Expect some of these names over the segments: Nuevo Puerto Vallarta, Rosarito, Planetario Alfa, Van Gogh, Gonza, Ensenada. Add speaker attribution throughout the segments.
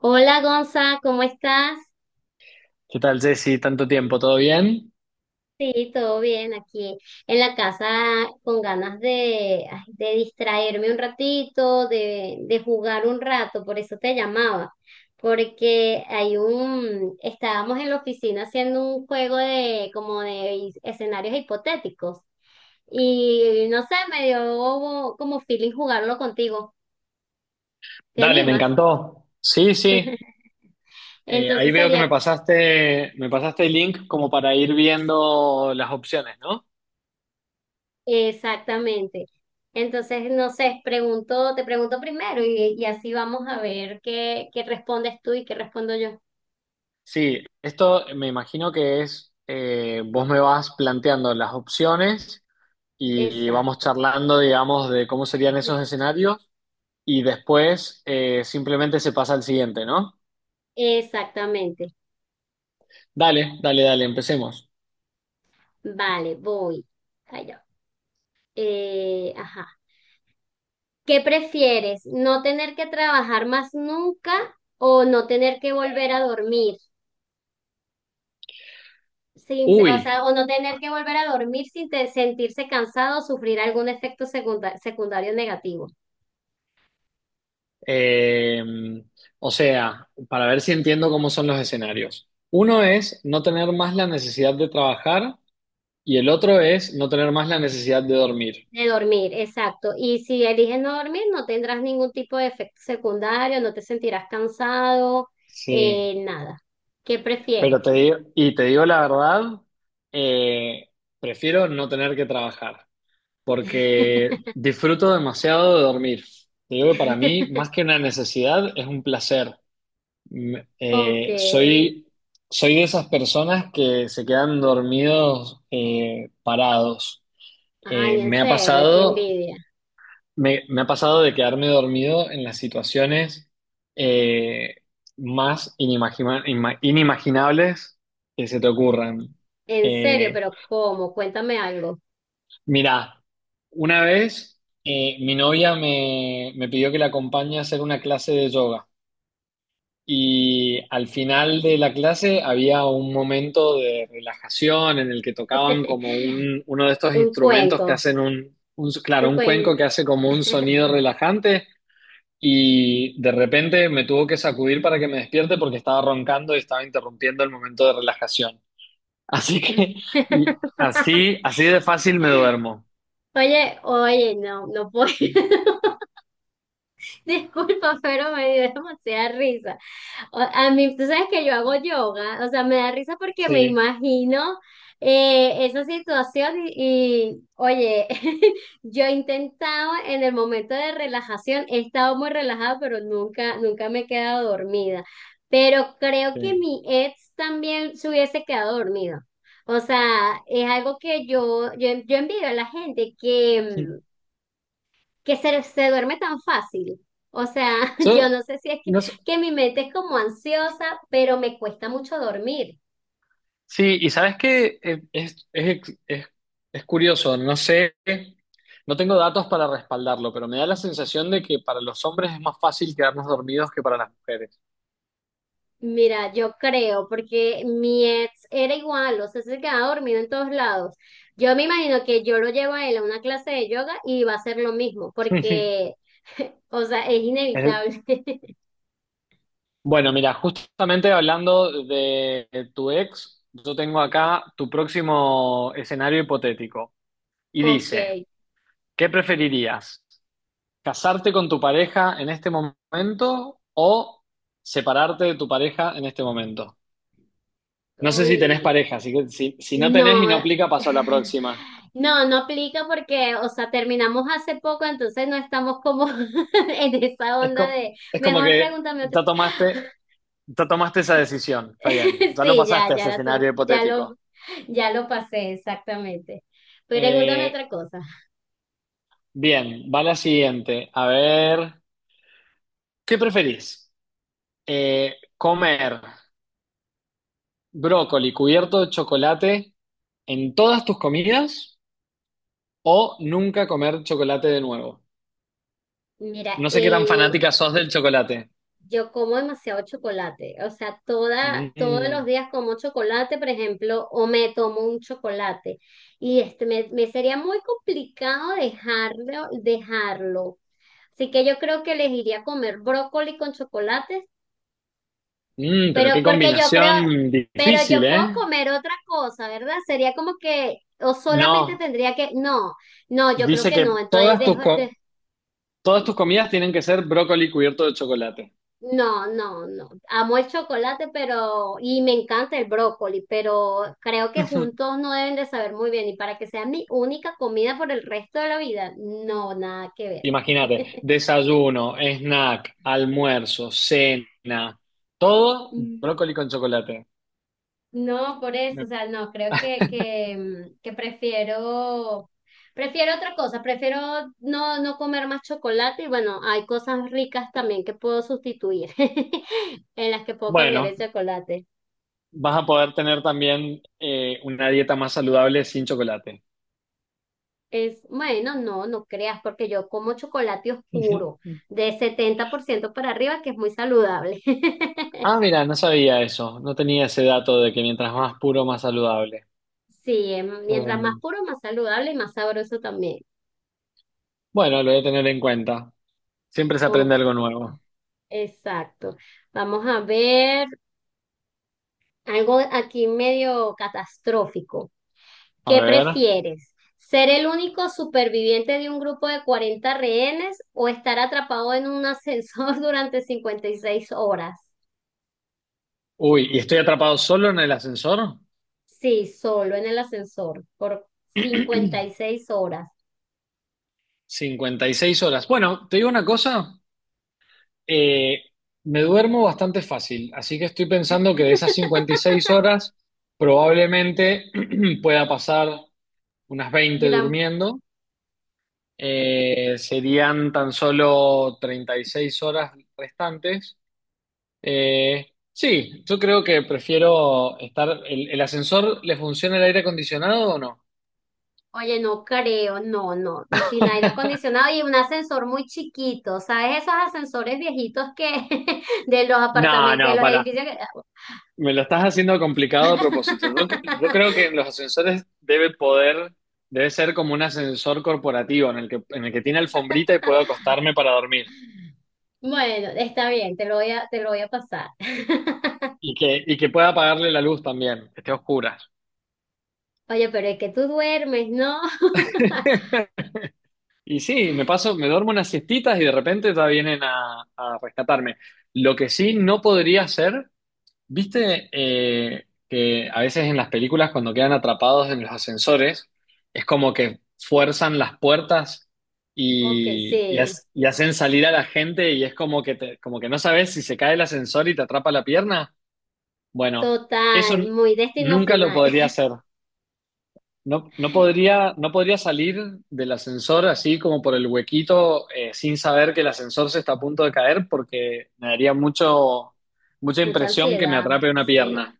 Speaker 1: Hola Gonza, ¿cómo estás?
Speaker 2: ¿Qué tal, Jessy? ¿Tanto tiempo? ¿Todo bien?
Speaker 1: Sí, todo bien aquí en la casa con ganas de distraerme un ratito, de jugar un rato, por eso te llamaba, porque estábamos en la oficina haciendo un juego de como de escenarios hipotéticos y no sé, me dio como feeling jugarlo contigo. ¿Te
Speaker 2: Dale, me
Speaker 1: animas?
Speaker 2: encantó. Sí, sí. Ahí
Speaker 1: Entonces
Speaker 2: veo que
Speaker 1: sería.
Speaker 2: me pasaste el link como para ir viendo las opciones, ¿no?
Speaker 1: Exactamente. Entonces, no sé, te pregunto primero y así vamos a ver qué respondes tú y qué respondo yo.
Speaker 2: Sí, esto me imagino que es, vos me vas planteando las opciones y vamos
Speaker 1: Exacto,
Speaker 2: charlando, digamos, de cómo serían esos escenarios y después simplemente se pasa al siguiente, ¿no?
Speaker 1: exactamente.
Speaker 2: Dale, dale, dale, empecemos.
Speaker 1: Vale, voy. Allá. Ajá. ¿Qué prefieres? ¿No tener que trabajar más nunca o no tener que volver a dormir? Sin, O
Speaker 2: Uy.
Speaker 1: sea, o no tener que volver a dormir sin sentirse cansado o sufrir algún efecto secundario negativo.
Speaker 2: Eh, o sea, para ver si entiendo cómo son los escenarios. Uno es no tener más la necesidad de trabajar y el otro es no tener más la necesidad de dormir.
Speaker 1: De dormir, exacto. Y si eliges no dormir, no tendrás ningún tipo de efecto secundario, no te sentirás cansado,
Speaker 2: Sí,
Speaker 1: nada. ¿Qué
Speaker 2: pero te
Speaker 1: prefieres?
Speaker 2: digo, y te digo la verdad, eh, prefiero no tener que trabajar porque disfruto demasiado de dormir. Te digo que para mí, más que una necesidad, es un placer. Me-
Speaker 1: Ok.
Speaker 2: eh, soy, Soy de esas personas que se quedan dormidos parados. Eh,
Speaker 1: Ay, en
Speaker 2: me ha
Speaker 1: serio, qué
Speaker 2: pasado,
Speaker 1: envidia.
Speaker 2: Me ha pasado de quedarme dormido en las situaciones eh, inimaginables que se te ocurran.
Speaker 1: En serio,
Speaker 2: Eh,
Speaker 1: pero ¿cómo? Cuéntame algo.
Speaker 2: mirá, una vez mi novia me pidió que la acompañe a hacer una clase de yoga. Y al final de la clase había un momento de relajación en el que tocaban uno de estos
Speaker 1: Un
Speaker 2: instrumentos que
Speaker 1: cuenco,
Speaker 2: hacen claro,
Speaker 1: un
Speaker 2: un
Speaker 1: cuenco.
Speaker 2: cuenco que hace como un sonido relajante y de repente me tuvo que sacudir para que me despierte porque estaba roncando y estaba interrumpiendo el momento de relajación. Así que, y así, así de fácil me duermo.
Speaker 1: Oye, oye, no, no puedo. Disculpa, pero me dio demasiada risa. A mí, tú sabes que yo hago yoga, o sea, me da risa porque me
Speaker 2: Sí,
Speaker 1: imagino esa situación y, oye, yo he intentado en el momento de relajación, he estado muy relajada, pero nunca, nunca me he quedado dormida. Pero creo que
Speaker 2: sí.
Speaker 1: mi ex también se hubiese quedado dormido. O sea, es algo que yo envidio a la gente que se duerme tan fácil. O sea, yo
Speaker 2: Yo,
Speaker 1: no sé si es que,
Speaker 2: no sé,
Speaker 1: que mi mente es como ansiosa, pero me cuesta mucho dormir.
Speaker 2: Sí, y sabes que es curioso, no sé, no tengo datos para respaldarlo, pero me da la sensación de que para los hombres es más fácil quedarnos dormidos que para las mujeres.
Speaker 1: Mira, yo creo, porque mi ex era igual, o sea, se quedaba dormido en todos lados. Yo me imagino que yo lo llevo a él a una clase de yoga y va a ser lo mismo, porque, o sea, es
Speaker 2: Es-
Speaker 1: inevitable.
Speaker 2: Bueno, mira, justamente hablando de tu ex, yo tengo acá tu próximo escenario hipotético y
Speaker 1: Ok,
Speaker 2: dice, ¿qué preferirías? ¿Casarte con tu pareja en este momento o separarte de tu pareja en este momento? No sé si tenés
Speaker 1: uy.
Speaker 2: pareja, así que si, si no tenés y no
Speaker 1: No,
Speaker 2: aplica, paso a la próxima.
Speaker 1: no, no aplica porque, o sea, terminamos hace poco, entonces no estamos como en esa
Speaker 2: Es
Speaker 1: onda
Speaker 2: como,
Speaker 1: de,
Speaker 2: es como
Speaker 1: mejor
Speaker 2: que
Speaker 1: pregúntame otra.
Speaker 2: ya tomaste, ya tomaste esa decisión, está bien, ya lo
Speaker 1: Sí, ya,
Speaker 2: pasaste a
Speaker 1: ya
Speaker 2: ese
Speaker 1: la tu-
Speaker 2: escenario hipotético.
Speaker 1: ya lo pasé exactamente. Pregúntame
Speaker 2: Eh,
Speaker 1: otra cosa.
Speaker 2: Bien, va la siguiente. A ver, ¿qué preferís? ¿Comer brócoli cubierto de chocolate en todas tus comidas o nunca comer chocolate de nuevo?
Speaker 1: Mira,
Speaker 2: No sé qué tan fanática sos del chocolate.
Speaker 1: yo como demasiado chocolate, o sea, todos los
Speaker 2: Mm.
Speaker 1: días como chocolate, por ejemplo, o me tomo un chocolate. Y me sería muy complicado dejarlo, dejarlo. Así que yo creo que elegiría comer brócoli con chocolates,
Speaker 2: Mm, pero
Speaker 1: pero
Speaker 2: qué
Speaker 1: porque yo creo,
Speaker 2: combinación
Speaker 1: pero
Speaker 2: difícil,
Speaker 1: yo puedo
Speaker 2: ¿eh?
Speaker 1: comer otra cosa, ¿verdad? Sería como que, o solamente
Speaker 2: No,
Speaker 1: tendría que, no, no, yo creo
Speaker 2: dice
Speaker 1: que no,
Speaker 2: que
Speaker 1: entonces dejo, de.
Speaker 2: todas tus comidas tienen que ser brócoli cubierto de chocolate.
Speaker 1: No, no, no. Amo el chocolate, pero, y me encanta el brócoli, pero creo que juntos no deben de saber muy bien. Y para que sea mi única comida por el resto de la vida, no, nada que ver.
Speaker 2: Imagínate, desayuno, snack, almuerzo, cena, todo
Speaker 1: Mm.
Speaker 2: brócoli con chocolate.
Speaker 1: No, por eso,
Speaker 2: Me-
Speaker 1: o sea, no, creo que prefiero, prefiero otra cosa, prefiero no comer más chocolate y bueno, hay cosas ricas también que puedo sustituir, en las que puedo cambiar
Speaker 2: Bueno,
Speaker 1: el chocolate.
Speaker 2: vas a poder tener también una dieta más saludable sin chocolate.
Speaker 1: Bueno, no, no creas, porque yo como chocolate oscuro de 70% para arriba, que es muy saludable.
Speaker 2: Ah, mira, no sabía eso, no tenía ese dato de que mientras más puro, más saludable.
Speaker 1: Sí, mientras más
Speaker 2: Eh,
Speaker 1: puro, más saludable y más sabroso también.
Speaker 2: Bueno, lo voy a tener en cuenta. Siempre se
Speaker 1: Ok,
Speaker 2: aprende algo nuevo.
Speaker 1: exacto. Vamos a ver algo aquí medio catastrófico.
Speaker 2: A
Speaker 1: ¿Qué
Speaker 2: ver.
Speaker 1: prefieres? ¿Ser el único superviviente de un grupo de 40 rehenes o estar atrapado en un ascensor durante 56 horas?
Speaker 2: Uy, ¿y estoy atrapado solo en el ascensor?
Speaker 1: Sí, solo en el ascensor por cincuenta y seis horas.
Speaker 2: 56 horas. Bueno, te digo una cosa, eh, me duermo bastante fácil, así que estoy pensando que de esas 56 horas probablemente pueda pasar unas 20
Speaker 1: Gran,
Speaker 2: durmiendo. Serían tan solo 36 horas restantes. Sí, yo creo que prefiero estar. El ascensor le funciona el aire acondicionado o no?
Speaker 1: Oye, no creo, no, no, sin aire acondicionado y un ascensor muy chiquito, ¿sabes? Esos ascensores viejitos que de los
Speaker 2: No,
Speaker 1: apartamentos, de
Speaker 2: no,
Speaker 1: los
Speaker 2: para.
Speaker 1: edificios que...
Speaker 2: Me lo estás haciendo complicado a propósito. Yo creo que en los ascensores debe poder, debe ser como un ascensor corporativo en el que tiene alfombrita y puedo acostarme para dormir.
Speaker 1: Bueno, está bien, te lo voy a pasar.
Speaker 2: Y que pueda apagarle la luz también, que esté oscura.
Speaker 1: Oye, pero es que tú duermes, ¿no?
Speaker 2: Y sí, me duermo unas siestitas y de repente ya vienen a rescatarme. Lo que sí no podría hacer. ¿Viste que a veces en las películas cuando quedan atrapados en los ascensores es como que fuerzan las puertas
Speaker 1: Ok,
Speaker 2: y,
Speaker 1: sí,
Speaker 2: y hacen salir a la gente y es como que, como que no sabes si se cae el ascensor y te atrapa la pierna? Bueno, eso
Speaker 1: total,
Speaker 2: n-
Speaker 1: muy destino
Speaker 2: nunca lo
Speaker 1: final,
Speaker 2: podría hacer. No, no podría, no podría salir del ascensor así como por el huequito sin saber que el ascensor se está a punto de caer porque me daría mucho, mucha
Speaker 1: mucha
Speaker 2: impresión que me
Speaker 1: ansiedad,
Speaker 2: atrape una
Speaker 1: sí.
Speaker 2: pierna.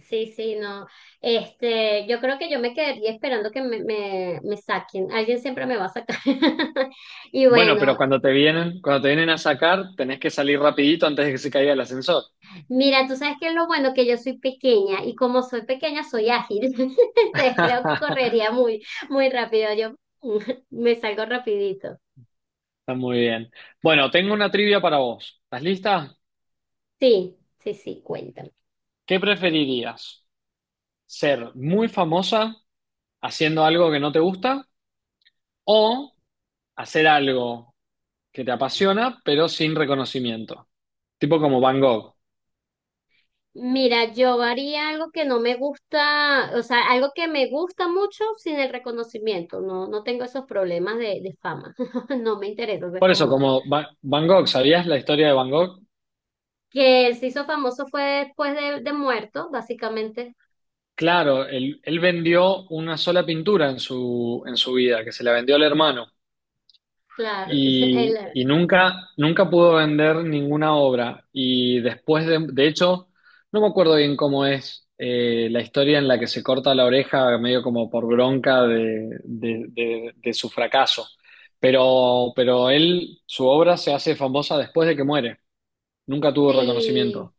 Speaker 1: Sí, sí, no. Yo creo que yo me quedaría esperando que me saquen. Alguien siempre me va a sacar. Y
Speaker 2: Bueno,
Speaker 1: bueno,
Speaker 2: pero cuando te vienen a sacar, tenés que salir rapidito antes de que se caiga el ascensor.
Speaker 1: mira, tú sabes que lo bueno que yo soy pequeña y como soy pequeña soy ágil. Entonces creo que correría muy, muy rápido. Yo me salgo rapidito.
Speaker 2: Está muy bien. Bueno, tengo una trivia para vos. ¿Estás lista?
Speaker 1: Sí, sí, sí, cuéntame.
Speaker 2: ¿Qué preferirías? ¿Ser muy famosa haciendo algo que no te gusta o hacer algo que te apasiona pero sin reconocimiento? Tipo como Van Gogh.
Speaker 1: Mira, yo haría algo que no me gusta, o sea, algo que me gusta mucho sin el reconocimiento. No, no tengo esos problemas de fama. No me interesa ser
Speaker 2: Por eso,
Speaker 1: famosa.
Speaker 2: como Van Gogh, ¿sabías la historia de Van Gogh?
Speaker 1: Que él se hizo famoso fue después de muerto, básicamente.
Speaker 2: Claro, él vendió una sola pintura en su vida, que se la vendió al hermano.
Speaker 1: Claro,
Speaker 2: Y,
Speaker 1: él-
Speaker 2: y nunca, nunca pudo vender ninguna obra. Y después de hecho, no me acuerdo bien cómo es la historia en la que se corta la oreja, medio como por bronca de su fracaso. Pero él, su obra se hace famosa después de que muere. Nunca tuvo
Speaker 1: sí,
Speaker 2: reconocimiento.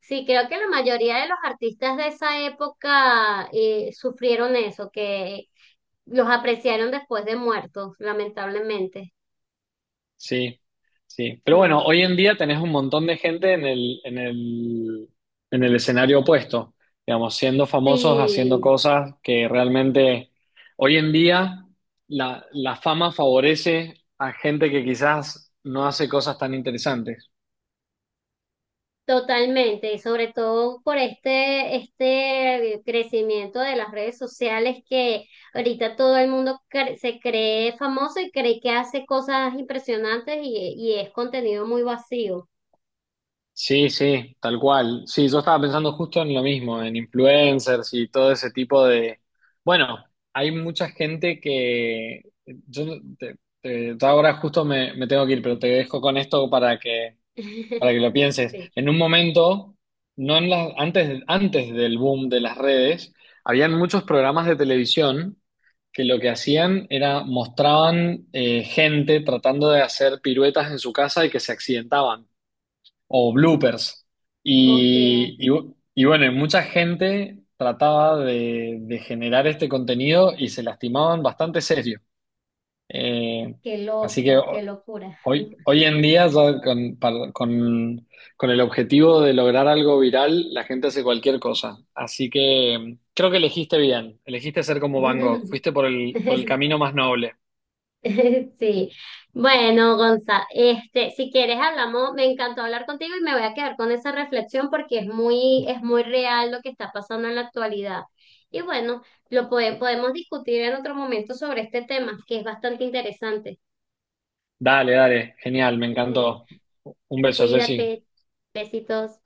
Speaker 1: sí, creo que la mayoría de los artistas de esa época sufrieron eso, que los apreciaron después de muertos, lamentablemente.
Speaker 2: Sí, sí. Pero bueno, hoy en día tenés un montón de gente en el escenario opuesto, digamos, siendo famosos, haciendo
Speaker 1: Sí.
Speaker 2: cosas que realmente hoy en día la fama favorece a gente que quizás no hace cosas tan interesantes.
Speaker 1: Totalmente, y sobre todo por este crecimiento de las redes sociales que ahorita todo el mundo se cree famoso y cree que hace cosas impresionantes y es contenido muy vacío.
Speaker 2: Sí, sí, tal cual. Sí, yo estaba pensando justo en lo mismo, en influencers y todo ese tipo de... Bueno, hay mucha gente que... Yo no- te- te- Yo ahora justo me tengo que ir, pero te dejo con esto para que lo pienses.
Speaker 1: Sí,
Speaker 2: En un momento, no en las, antes, antes del boom de las redes, habían muchos programas de televisión que lo que hacían era mostraban gente tratando de hacer piruetas en su casa y que se accidentaban o bloopers.
Speaker 1: ok,
Speaker 2: Y bueno, y mucha gente trataba de generar este contenido y se lastimaban bastante serio. Eh,
Speaker 1: qué
Speaker 2: así que
Speaker 1: loco, qué
Speaker 2: ho-
Speaker 1: locura.
Speaker 2: Hoy, hoy en día, ya con el objetivo de lograr algo viral, la gente hace cualquier cosa. Así que mm, creo que elegiste bien, elegiste ser como Van Gogh, fuiste por el camino más noble.
Speaker 1: Sí, bueno, Gonza, si quieres hablamos, me encantó hablar contigo y me voy a quedar con esa reflexión porque es muy real lo que está pasando en la actualidad. Y bueno, lo podemos discutir en otro momento sobre este tema, que es bastante interesante.
Speaker 2: Dale, dale, genial, me encantó. Un beso, Jessy.
Speaker 1: Cuídate, besitos.